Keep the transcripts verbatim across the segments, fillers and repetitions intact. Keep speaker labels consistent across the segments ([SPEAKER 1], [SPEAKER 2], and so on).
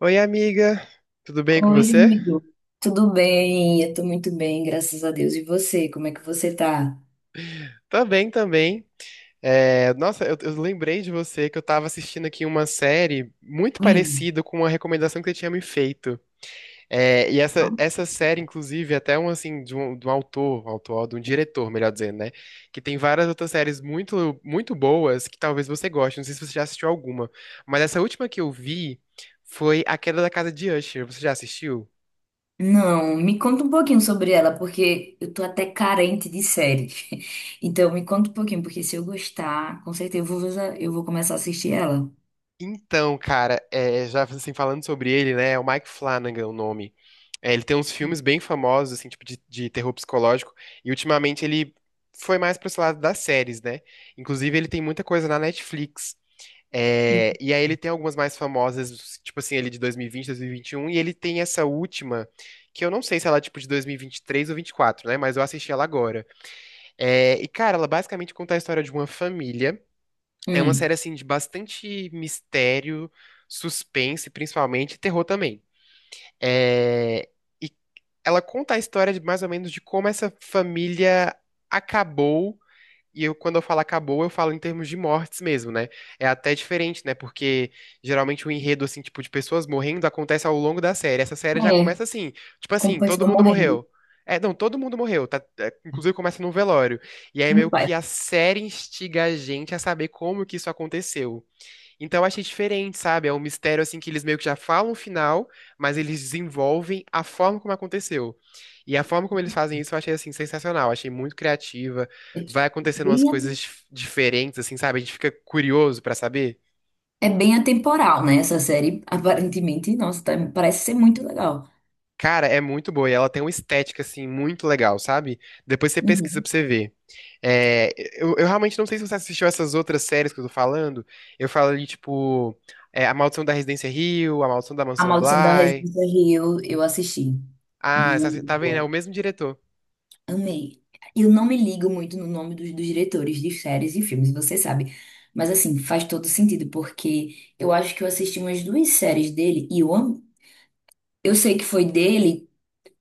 [SPEAKER 1] Oi, amiga, tudo bem com
[SPEAKER 2] Oi,
[SPEAKER 1] você?
[SPEAKER 2] amigo. Tudo bem? Eu tô muito bem, graças a Deus. E você, como é que você tá?
[SPEAKER 1] Tô bem também. É, nossa, eu, eu lembrei de você que eu tava assistindo aqui uma série muito
[SPEAKER 2] Hum.
[SPEAKER 1] parecida com uma recomendação que você tinha me feito. É, e essa, essa série, inclusive, é até um assim, de um, de um autor, autor, de um diretor, melhor dizendo, né? Que tem várias outras séries muito, muito boas que talvez você goste. Não sei se você já assistiu alguma, mas essa última que eu vi foi A Queda da Casa de Usher. Você já assistiu?
[SPEAKER 2] Não, me conta um pouquinho sobre ela, porque eu tô até carente de série. Então, me conta um pouquinho, porque se eu gostar, com certeza eu vou, eu vou começar a assistir ela.
[SPEAKER 1] Então, cara, é, já assim, falando sobre ele, né? É o Mike Flanagan o nome. É, ele tem uns filmes bem famosos, assim, tipo de, de terror psicológico, e ultimamente ele foi mais pro esse lado das séries, né? Inclusive, ele tem muita coisa na Netflix.
[SPEAKER 2] Hum.
[SPEAKER 1] É, e aí ele tem algumas mais famosas, tipo assim, ele de dois mil e vinte, dois mil e vinte e um, e vinte, dois mil e vinte e um, e ele tem essa última, que eu não sei se ela é tipo de dois mil e vinte e três ou dois mil e vinte e quatro, né? Mas eu assisti ela agora. É, e, cara, ela basicamente conta a história de uma família. É uma série
[SPEAKER 2] Hum.
[SPEAKER 1] assim de bastante mistério, suspense, principalmente, e terror também. É, e ela conta a história de mais ou menos de como essa família acabou, e eu, quando eu falo acabou, eu falo em termos de mortes mesmo, né? É até diferente, né? Porque geralmente o enredo, assim, tipo, de pessoas morrendo acontece ao longo da série. Essa série já
[SPEAKER 2] É,
[SPEAKER 1] começa assim, tipo
[SPEAKER 2] como
[SPEAKER 1] assim, todo
[SPEAKER 2] pessoa
[SPEAKER 1] mundo
[SPEAKER 2] morrendo.
[SPEAKER 1] morreu. É, não, todo mundo morreu, tá? É, inclusive começa num velório. E aí
[SPEAKER 2] Meu
[SPEAKER 1] meio
[SPEAKER 2] pai.
[SPEAKER 1] que a série instiga a gente a saber como que isso aconteceu. Então eu achei diferente, sabe? É um mistério assim que eles meio que já falam o final, mas eles desenvolvem a forma como aconteceu. E a forma como eles fazem isso eu achei assim sensacional, achei muito criativa.
[SPEAKER 2] É
[SPEAKER 1] Vai acontecendo umas coisas
[SPEAKER 2] bem
[SPEAKER 1] dif- diferentes assim, sabe? A gente fica curioso pra saber.
[SPEAKER 2] é bem atemporal, né? Essa série, aparentemente, nossa, tá- parece ser muito legal.
[SPEAKER 1] Cara, é muito boa e ela tem uma estética assim muito legal, sabe? Depois você pesquisa
[SPEAKER 2] Uhum.
[SPEAKER 1] pra você ver. É, eu, eu realmente não sei se você assistiu essas outras séries que eu tô falando. Eu falo ali tipo é, A Maldição da Residência Hill, A Maldição da
[SPEAKER 2] A
[SPEAKER 1] Mansão
[SPEAKER 2] Maldição da
[SPEAKER 1] Bly.
[SPEAKER 2] Residência Rio, eu assisti.
[SPEAKER 1] Ah, essa-
[SPEAKER 2] Muito
[SPEAKER 1] tá vendo? É o
[SPEAKER 2] boa.
[SPEAKER 1] mesmo diretor.
[SPEAKER 2] Amei. Eu não me ligo muito no nome dos, dos diretores de séries e filmes, você sabe. Mas assim, faz todo sentido, porque eu acho que eu assisti umas duas séries dele e eu amo. Eu sei que foi dele,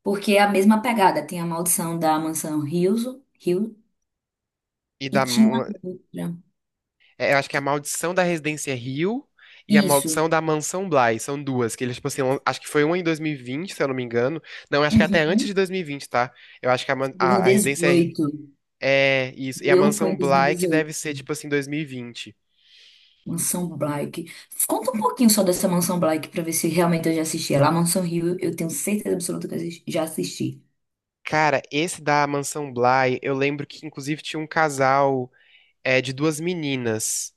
[SPEAKER 2] porque é a mesma pegada. Tem a Maldição da Mansão Hill, Hill
[SPEAKER 1] E
[SPEAKER 2] e
[SPEAKER 1] da.
[SPEAKER 2] tinha outra.
[SPEAKER 1] É, eu acho que é a Maldição da Residência Rio e a
[SPEAKER 2] Isso.
[SPEAKER 1] Maldição da Mansão Bly. São duas, que eles, tipo assim, lan- acho que foi uma em dois mil e vinte, se eu não me engano. Não, acho que até antes
[SPEAKER 2] Uhum.
[SPEAKER 1] de dois mil e vinte, tá? Eu acho que a, man- a, a Residência é,
[SPEAKER 2] dois mil e dezoito.
[SPEAKER 1] é isso.
[SPEAKER 2] O
[SPEAKER 1] E a
[SPEAKER 2] meu foi em
[SPEAKER 1] Mansão
[SPEAKER 2] dois mil e
[SPEAKER 1] Bly que deve
[SPEAKER 2] dezoito.
[SPEAKER 1] ser, tipo assim, dois mil e vinte.
[SPEAKER 2] Mansão Blyck. Conta um pouquinho só dessa Mansão Blyck pra ver se realmente eu já assisti ela. A Mansão Rio, eu tenho certeza absoluta que eu assis- já assisti.
[SPEAKER 1] Cara, esse da Mansão Bly, eu lembro que inclusive tinha um casal. É de duas meninas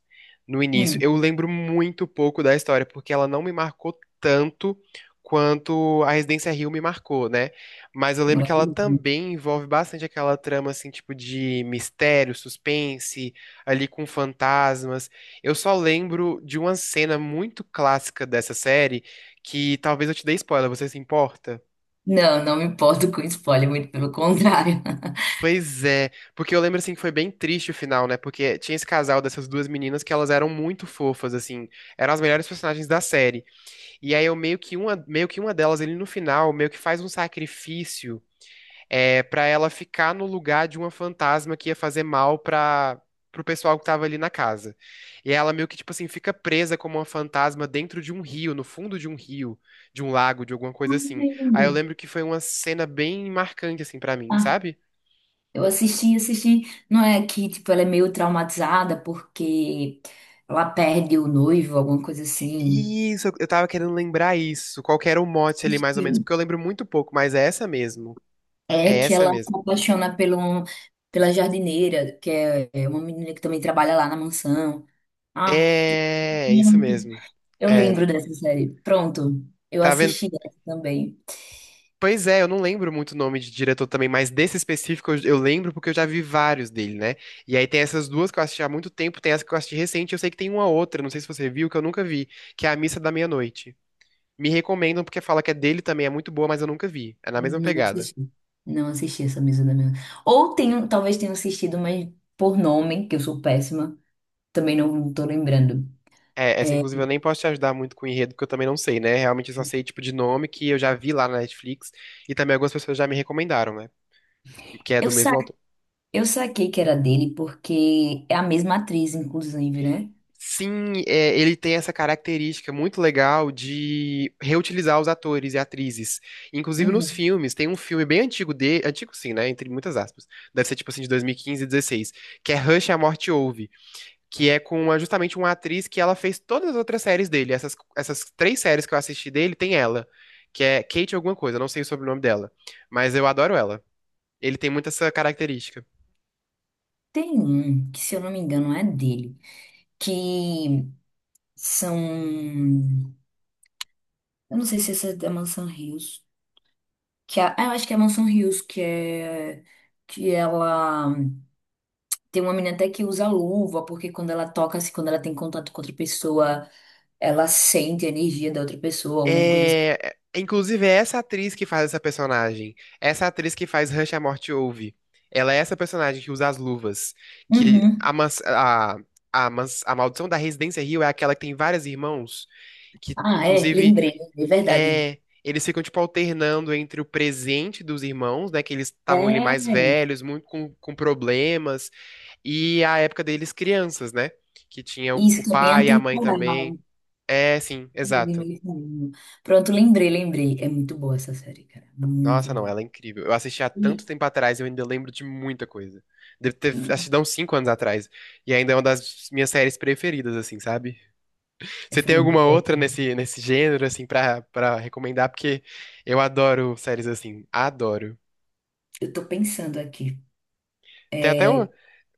[SPEAKER 1] no início.
[SPEAKER 2] Hum,
[SPEAKER 1] Eu lembro muito pouco da história, porque ela não me marcou tanto quanto a Residência Hill me marcou, né? Mas eu lembro que ela
[SPEAKER 2] Maravilhoso.
[SPEAKER 1] também envolve bastante aquela trama, assim, tipo de mistério, suspense, ali com fantasmas. Eu só lembro de uma cena muito clássica dessa série, que talvez eu te dê spoiler, você se importa?
[SPEAKER 2] Não, não me importo com spoiler, muito pelo contrário.
[SPEAKER 1] Pois é, porque eu lembro assim que foi bem triste o final, né? Porque tinha esse casal dessas duas meninas que elas eram muito fofas, assim, eram as melhores personagens da série. E aí eu meio que uma, meio que uma delas, ele no final, meio que faz um sacrifício, é, para ela ficar no lugar de uma fantasma que ia fazer mal pra, pro pessoal que tava ali na casa. E ela meio que, tipo assim, fica presa como uma fantasma dentro de um rio, no fundo de um rio, de um lago, de alguma coisa assim.
[SPEAKER 2] Ai,
[SPEAKER 1] Aí
[SPEAKER 2] lembra.
[SPEAKER 1] eu lembro que foi uma cena bem marcante, assim, pra mim,
[SPEAKER 2] Ah,
[SPEAKER 1] sabe?
[SPEAKER 2] eu assisti, assisti. Não é que, tipo, ela é meio traumatizada porque ela perde o noivo, alguma coisa assim.
[SPEAKER 1] Isso, eu tava querendo lembrar isso. Qual que era o mote ali, mais ou menos?
[SPEAKER 2] Sim.
[SPEAKER 1] Porque eu lembro muito pouco, mas é essa mesmo.
[SPEAKER 2] É
[SPEAKER 1] É
[SPEAKER 2] que
[SPEAKER 1] essa
[SPEAKER 2] ela
[SPEAKER 1] mesmo.
[SPEAKER 2] se apaixona pelo, pela jardineira, que é é uma menina que também trabalha lá na mansão. Ah,
[SPEAKER 1] É, é isso mesmo.
[SPEAKER 2] eu
[SPEAKER 1] É,
[SPEAKER 2] lembro dessa série. Pronto, eu
[SPEAKER 1] tá vendo?
[SPEAKER 2] assisti essa também.
[SPEAKER 1] Pois é, eu não lembro muito o nome de diretor também, mas desse específico eu, eu lembro porque eu já vi vários dele, né? E aí tem essas duas que eu assisti há muito tempo, tem essa que eu assisti recente, eu sei que tem uma outra, não sei se você viu, que eu nunca vi, que é A Missa da Meia-Noite. Me recomendam porque fala que é dele também, é muito boa, mas eu nunca vi. É na mesma
[SPEAKER 2] Não
[SPEAKER 1] pegada.
[SPEAKER 2] assisti. Não assisti essa mesa da minha. Ou tenho, talvez tenha assistido, mas por nome, que eu sou péssima, também não tô lembrando.
[SPEAKER 1] É, essa
[SPEAKER 2] É,
[SPEAKER 1] inclusive eu nem posso te ajudar muito com o enredo, porque eu também não sei, né? Realmente eu só sei tipo de nome que eu já vi lá na Netflix e também algumas pessoas já me recomendaram, né? Porque é do
[SPEAKER 2] eu sa
[SPEAKER 1] mesmo autor.
[SPEAKER 2] eu saquei que era dele porque é a mesma atriz, inclusive, né?
[SPEAKER 1] Sim, é, ele tem essa característica muito legal de reutilizar os atores e atrizes. Inclusive nos
[SPEAKER 2] Uhum.
[SPEAKER 1] filmes, tem um filme bem antigo de, antigo sim, né? Entre muitas aspas. Deve ser tipo assim de dois mil e quinze e dezesseis, que é Rush, a Morte Ouve. Que é com uma- justamente uma atriz que ela fez todas as outras séries dele. Essas, essas três séries que eu assisti dele tem ela, que é Kate alguma coisa, não sei o sobrenome dela, mas eu adoro ela. Ele tem muito essa característica.
[SPEAKER 2] Tem um que, se eu não me engano, é dele, que são, eu não sei se essa é da Mansão Rios, que a- ah, eu acho que é a Mansão Rios que é que ela tem uma menina até que usa luva, porque quando ela toca, assim, quando ela tem contato com outra pessoa, ela sente a energia da outra pessoa, alguma coisa assim.
[SPEAKER 1] É, é, inclusive é essa atriz que faz essa personagem, essa atriz que faz Rush à Morte Ouve. Ela é essa personagem que usa as luvas, que
[SPEAKER 2] Uhum.
[SPEAKER 1] a, mans- a, a, mans- a maldição da Residência Hill é aquela que tem vários irmãos, que
[SPEAKER 2] Ah, é,
[SPEAKER 1] inclusive
[SPEAKER 2] lembrei, é verdade.
[SPEAKER 1] é, eles ficam, tipo, alternando entre o presente dos irmãos, né? Que eles estavam ali
[SPEAKER 2] É,
[SPEAKER 1] mais velhos, muito com, com problemas, e a época deles crianças, né? Que tinha o, o
[SPEAKER 2] isso também é
[SPEAKER 1] pai e a mãe também.
[SPEAKER 2] atemporal.
[SPEAKER 1] É, sim, exato.
[SPEAKER 2] Pronto, lembrei, lembrei. É muito boa essa série, cara. Muito
[SPEAKER 1] Nossa, não,
[SPEAKER 2] boa.
[SPEAKER 1] ela é incrível. Eu assisti há
[SPEAKER 2] E,
[SPEAKER 1] tanto tempo atrás, e eu ainda lembro de muita coisa. Deve ter assistido
[SPEAKER 2] e...
[SPEAKER 1] há uns cinco anos atrás. E ainda é uma das minhas séries preferidas, assim, sabe?
[SPEAKER 2] é,
[SPEAKER 1] Você
[SPEAKER 2] Foi
[SPEAKER 1] tem
[SPEAKER 2] muito
[SPEAKER 1] alguma
[SPEAKER 2] boa.
[SPEAKER 1] outra nesse, nesse gênero, assim, pra, pra recomendar? Porque eu adoro séries assim. Adoro.
[SPEAKER 2] Eu tô pensando aqui.
[SPEAKER 1] Tem até um-
[SPEAKER 2] É,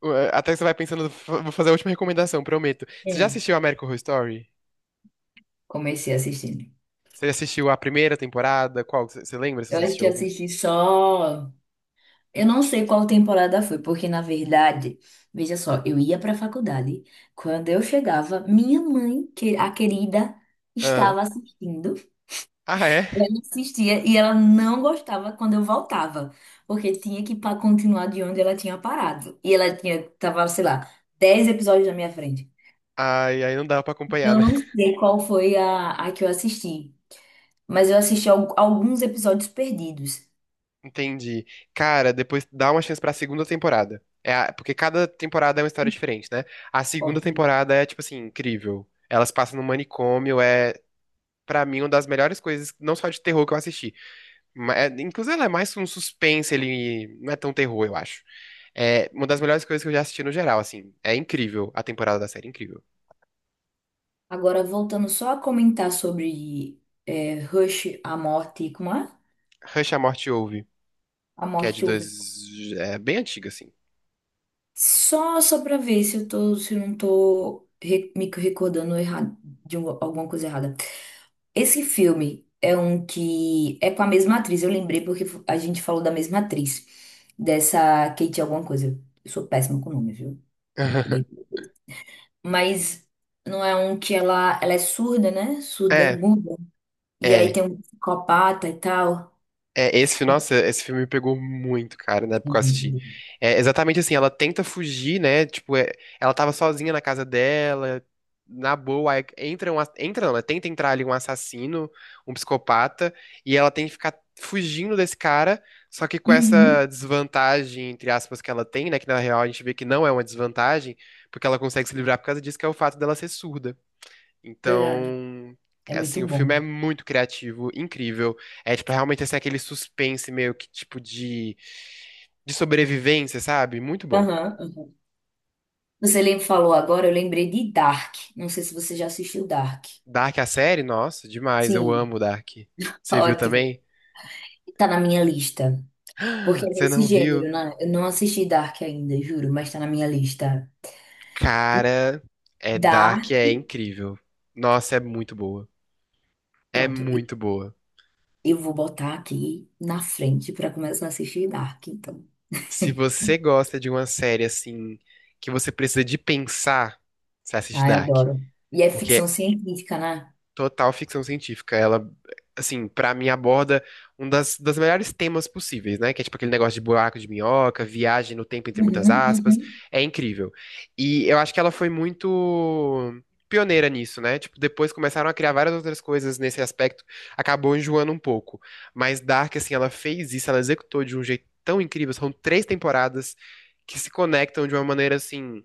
[SPEAKER 1] É, até que você vai pensando, vou fazer a última recomendação, prometo. Você já
[SPEAKER 2] é,
[SPEAKER 1] assistiu American Horror Story?
[SPEAKER 2] Comecei assistindo.
[SPEAKER 1] Você já assistiu a primeira temporada? Qual? Você você lembra se
[SPEAKER 2] Eu
[SPEAKER 1] você
[SPEAKER 2] acho
[SPEAKER 1] assistiu
[SPEAKER 2] que
[SPEAKER 1] algum?
[SPEAKER 2] assisti só. Eu não sei qual temporada foi, porque na verdade, veja só, eu ia para a faculdade. Quando eu chegava, minha mãe, que a querida,
[SPEAKER 1] Aham.
[SPEAKER 2] estava assistindo.
[SPEAKER 1] Ah, é?
[SPEAKER 2] Ela assistia e ela não gostava quando eu voltava, porque tinha que pa- continuar de onde ela tinha parado. E ela tinha, tava, sei lá, dez episódios na minha frente.
[SPEAKER 1] Ai, aí não dava pra acompanhar,
[SPEAKER 2] Então, eu
[SPEAKER 1] né?
[SPEAKER 2] não sei qual foi a, a, que eu assisti, mas eu assisti al- alguns episódios perdidos.
[SPEAKER 1] Entendi. Cara, depois dá uma chance pra segunda temporada. É a- porque cada temporada é uma história diferente, né? A segunda
[SPEAKER 2] OK?
[SPEAKER 1] temporada é, tipo assim, incrível. Elas passam no manicômio, é, pra mim, uma das melhores coisas, não só de terror que eu assisti. Ma- é- inclusive, ela é mais um suspense, ele não é tão terror, eu acho. É uma das melhores coisas que eu já assisti no geral, assim. É incrível a temporada da série, incrível.
[SPEAKER 2] Agora, voltando só a comentar sobre é, Rush, a morte, como é?
[SPEAKER 1] Rush, a Morte ouve,
[SPEAKER 2] A
[SPEAKER 1] que é
[SPEAKER 2] morte
[SPEAKER 1] de
[SPEAKER 2] chuva.
[SPEAKER 1] dois... É bem antiga, assim.
[SPEAKER 2] Só, só pra ver se eu tô, se eu não tô re- me recordando errado, de um- alguma coisa errada. Esse filme é um que é com a mesma atriz, eu lembrei porque a gente falou da mesma atriz, dessa Kate alguma coisa. Eu sou péssima com nome, viu? Me- Mas não é um que ela, ela é surda, né? Surda,
[SPEAKER 1] É,
[SPEAKER 2] muda. E aí
[SPEAKER 1] é.
[SPEAKER 2] tem um psicopata e tal.
[SPEAKER 1] É, esse, fi- nossa, esse filme me pegou muito, cara, na época que eu assisti. É exatamente assim, ela tenta fugir, né? Tipo, é, ela tava sozinha na casa dela, na boa, aí entra um, a- entra não, né? Tenta entrar ali um assassino, um psicopata, e ela tem que ficar fugindo desse cara, só que com
[SPEAKER 2] Uhum.
[SPEAKER 1] essa desvantagem, entre aspas, que ela tem, né? Que na real a gente vê que não é uma desvantagem, porque ela consegue se livrar por causa disso, que é o fato dela ser surda.
[SPEAKER 2] Verdade.
[SPEAKER 1] Então,
[SPEAKER 2] É muito
[SPEAKER 1] assim, o filme
[SPEAKER 2] bom.
[SPEAKER 1] é muito criativo, incrível. É, tipo, realmente, assim, aquele suspense meio que, tipo, de, de sobrevivência, sabe? Muito bom.
[SPEAKER 2] Aham. Uhum. Você lem- falou agora, eu lembrei de Dark. Não sei se você já assistiu Dark.
[SPEAKER 1] Dark, a série, nossa, demais. Eu
[SPEAKER 2] Sim.
[SPEAKER 1] amo Dark. Você viu
[SPEAKER 2] Ótimo.
[SPEAKER 1] também?
[SPEAKER 2] Tá na minha lista. Porque é
[SPEAKER 1] Você
[SPEAKER 2] desse
[SPEAKER 1] não viu?
[SPEAKER 2] gênero, né? Eu não assisti Dark ainda, juro, mas tá na minha lista.
[SPEAKER 1] Cara, é Dark,
[SPEAKER 2] Dark.
[SPEAKER 1] é incrível. Nossa, é muito boa. É
[SPEAKER 2] Pronto, e-
[SPEAKER 1] muito boa.
[SPEAKER 2] eu vou botar aqui na frente pra começar a assistir Dark, então.
[SPEAKER 1] Se você gosta de uma série, assim, que você precisa de pensar, você assiste
[SPEAKER 2] Ai,
[SPEAKER 1] Dark.
[SPEAKER 2] adoro. E é ficção
[SPEAKER 1] Porque
[SPEAKER 2] científica, né?
[SPEAKER 1] total ficção científica. Ela, assim, pra mim aborda um das, das melhores temas possíveis, né? Que é tipo aquele negócio de buraco de minhoca, viagem no tempo entre muitas
[SPEAKER 2] Uhum,
[SPEAKER 1] aspas.
[SPEAKER 2] uhum.
[SPEAKER 1] É incrível. E eu acho que ela foi muito pioneira nisso, né? Tipo, depois começaram a criar várias outras coisas nesse aspecto, acabou enjoando um pouco. Mas Dark, assim, ela fez isso, ela executou de um jeito tão incrível. São três temporadas que se conectam de uma maneira, assim,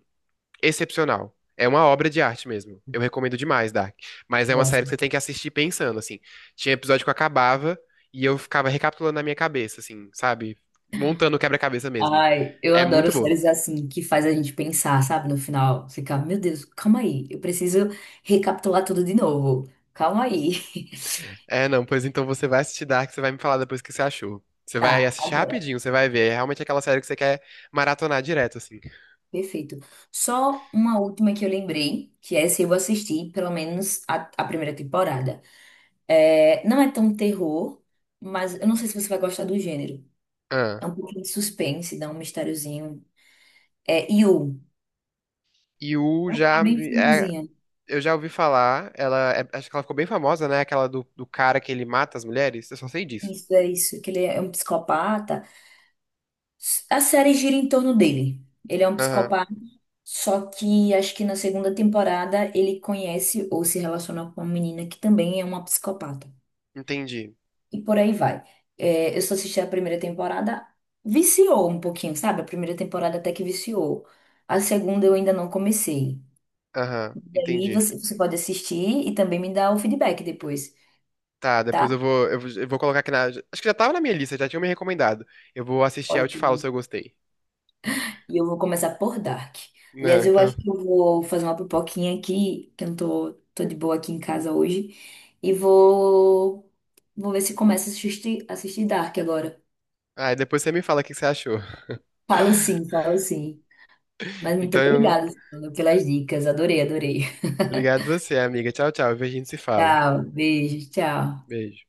[SPEAKER 1] excepcional. É uma obra de arte mesmo. Eu recomendo demais, Dark. Mas é uma série que você
[SPEAKER 2] Gosto.
[SPEAKER 1] tem que assistir pensando, assim. Tinha episódio que eu acabava e eu ficava recapitulando na minha cabeça, assim, sabe? Montando o quebra-cabeça mesmo.
[SPEAKER 2] Ai, eu
[SPEAKER 1] É muito
[SPEAKER 2] adoro
[SPEAKER 1] boa.
[SPEAKER 2] séries assim, que faz a gente pensar, sabe? No final, ficar, meu Deus, calma aí, eu preciso recapitular tudo de novo. Calma aí.
[SPEAKER 1] É, não, pois então você vai assistir Dark, você vai me falar depois o que você achou. Você vai
[SPEAKER 2] Tá,
[SPEAKER 1] assistir
[SPEAKER 2] agora,
[SPEAKER 1] rapidinho, você vai ver. É realmente aquela série que você quer maratonar direto, assim.
[SPEAKER 2] perfeito. Só uma última que eu lembrei, que essa eu assisti, pelo menos a, a primeira temporada. É, não é tão terror, mas eu não sei se você vai gostar do gênero.
[SPEAKER 1] Ah,
[SPEAKER 2] É um pouquinho de suspense, dá um mistériozinho. É You.
[SPEAKER 1] e o
[SPEAKER 2] É uma
[SPEAKER 1] já.
[SPEAKER 2] bem
[SPEAKER 1] me- é,
[SPEAKER 2] famosinha.
[SPEAKER 1] eu já ouvi falar, ela. É- acho que ela ficou bem famosa, né? Aquela do, do cara que ele mata as mulheres. Eu só sei disso.
[SPEAKER 2] Isso, é isso. Que ele é um psicopata. A série gira em torno dele. Ele é um
[SPEAKER 1] Aham,
[SPEAKER 2] psicopata, só que acho que na segunda temporada ele conhece ou se relaciona com uma menina que também é uma psicopata.
[SPEAKER 1] entendi.
[SPEAKER 2] E por aí vai. É, eu só assisti a primeira temporada, viciou um pouquinho, sabe? A primeira temporada até que viciou. A segunda eu ainda não comecei.
[SPEAKER 1] Aham,
[SPEAKER 2] Daí
[SPEAKER 1] entendi.
[SPEAKER 2] você, você pode assistir e também me dar o feedback depois,
[SPEAKER 1] Tá, depois
[SPEAKER 2] tá?
[SPEAKER 1] eu vou, eu, vou eu vou colocar aqui na. Acho que já tava na minha lista, já tinha me recomendado. Eu vou assistir, aí eu te falo
[SPEAKER 2] Ótimo.
[SPEAKER 1] se eu gostei.
[SPEAKER 2] E eu vou começar por Dark.
[SPEAKER 1] Não,
[SPEAKER 2] Aliás, eu
[SPEAKER 1] então.
[SPEAKER 2] acho que eu vou fazer uma pipoquinha aqui, que eu não tô, tô de boa aqui em casa hoje. E vou, vou ver se começo a assistir, assistir Dark agora.
[SPEAKER 1] Ah, e depois você me fala o que que você achou.
[SPEAKER 2] Falo sim, falo sim. Mas muito
[SPEAKER 1] Então,
[SPEAKER 2] obrigada Suzana, pelas dicas. Adorei, adorei.
[SPEAKER 1] obrigado você, amiga. Tchau, tchau. A gente se fala.
[SPEAKER 2] Tchau, beijo, tchau.
[SPEAKER 1] Beijo.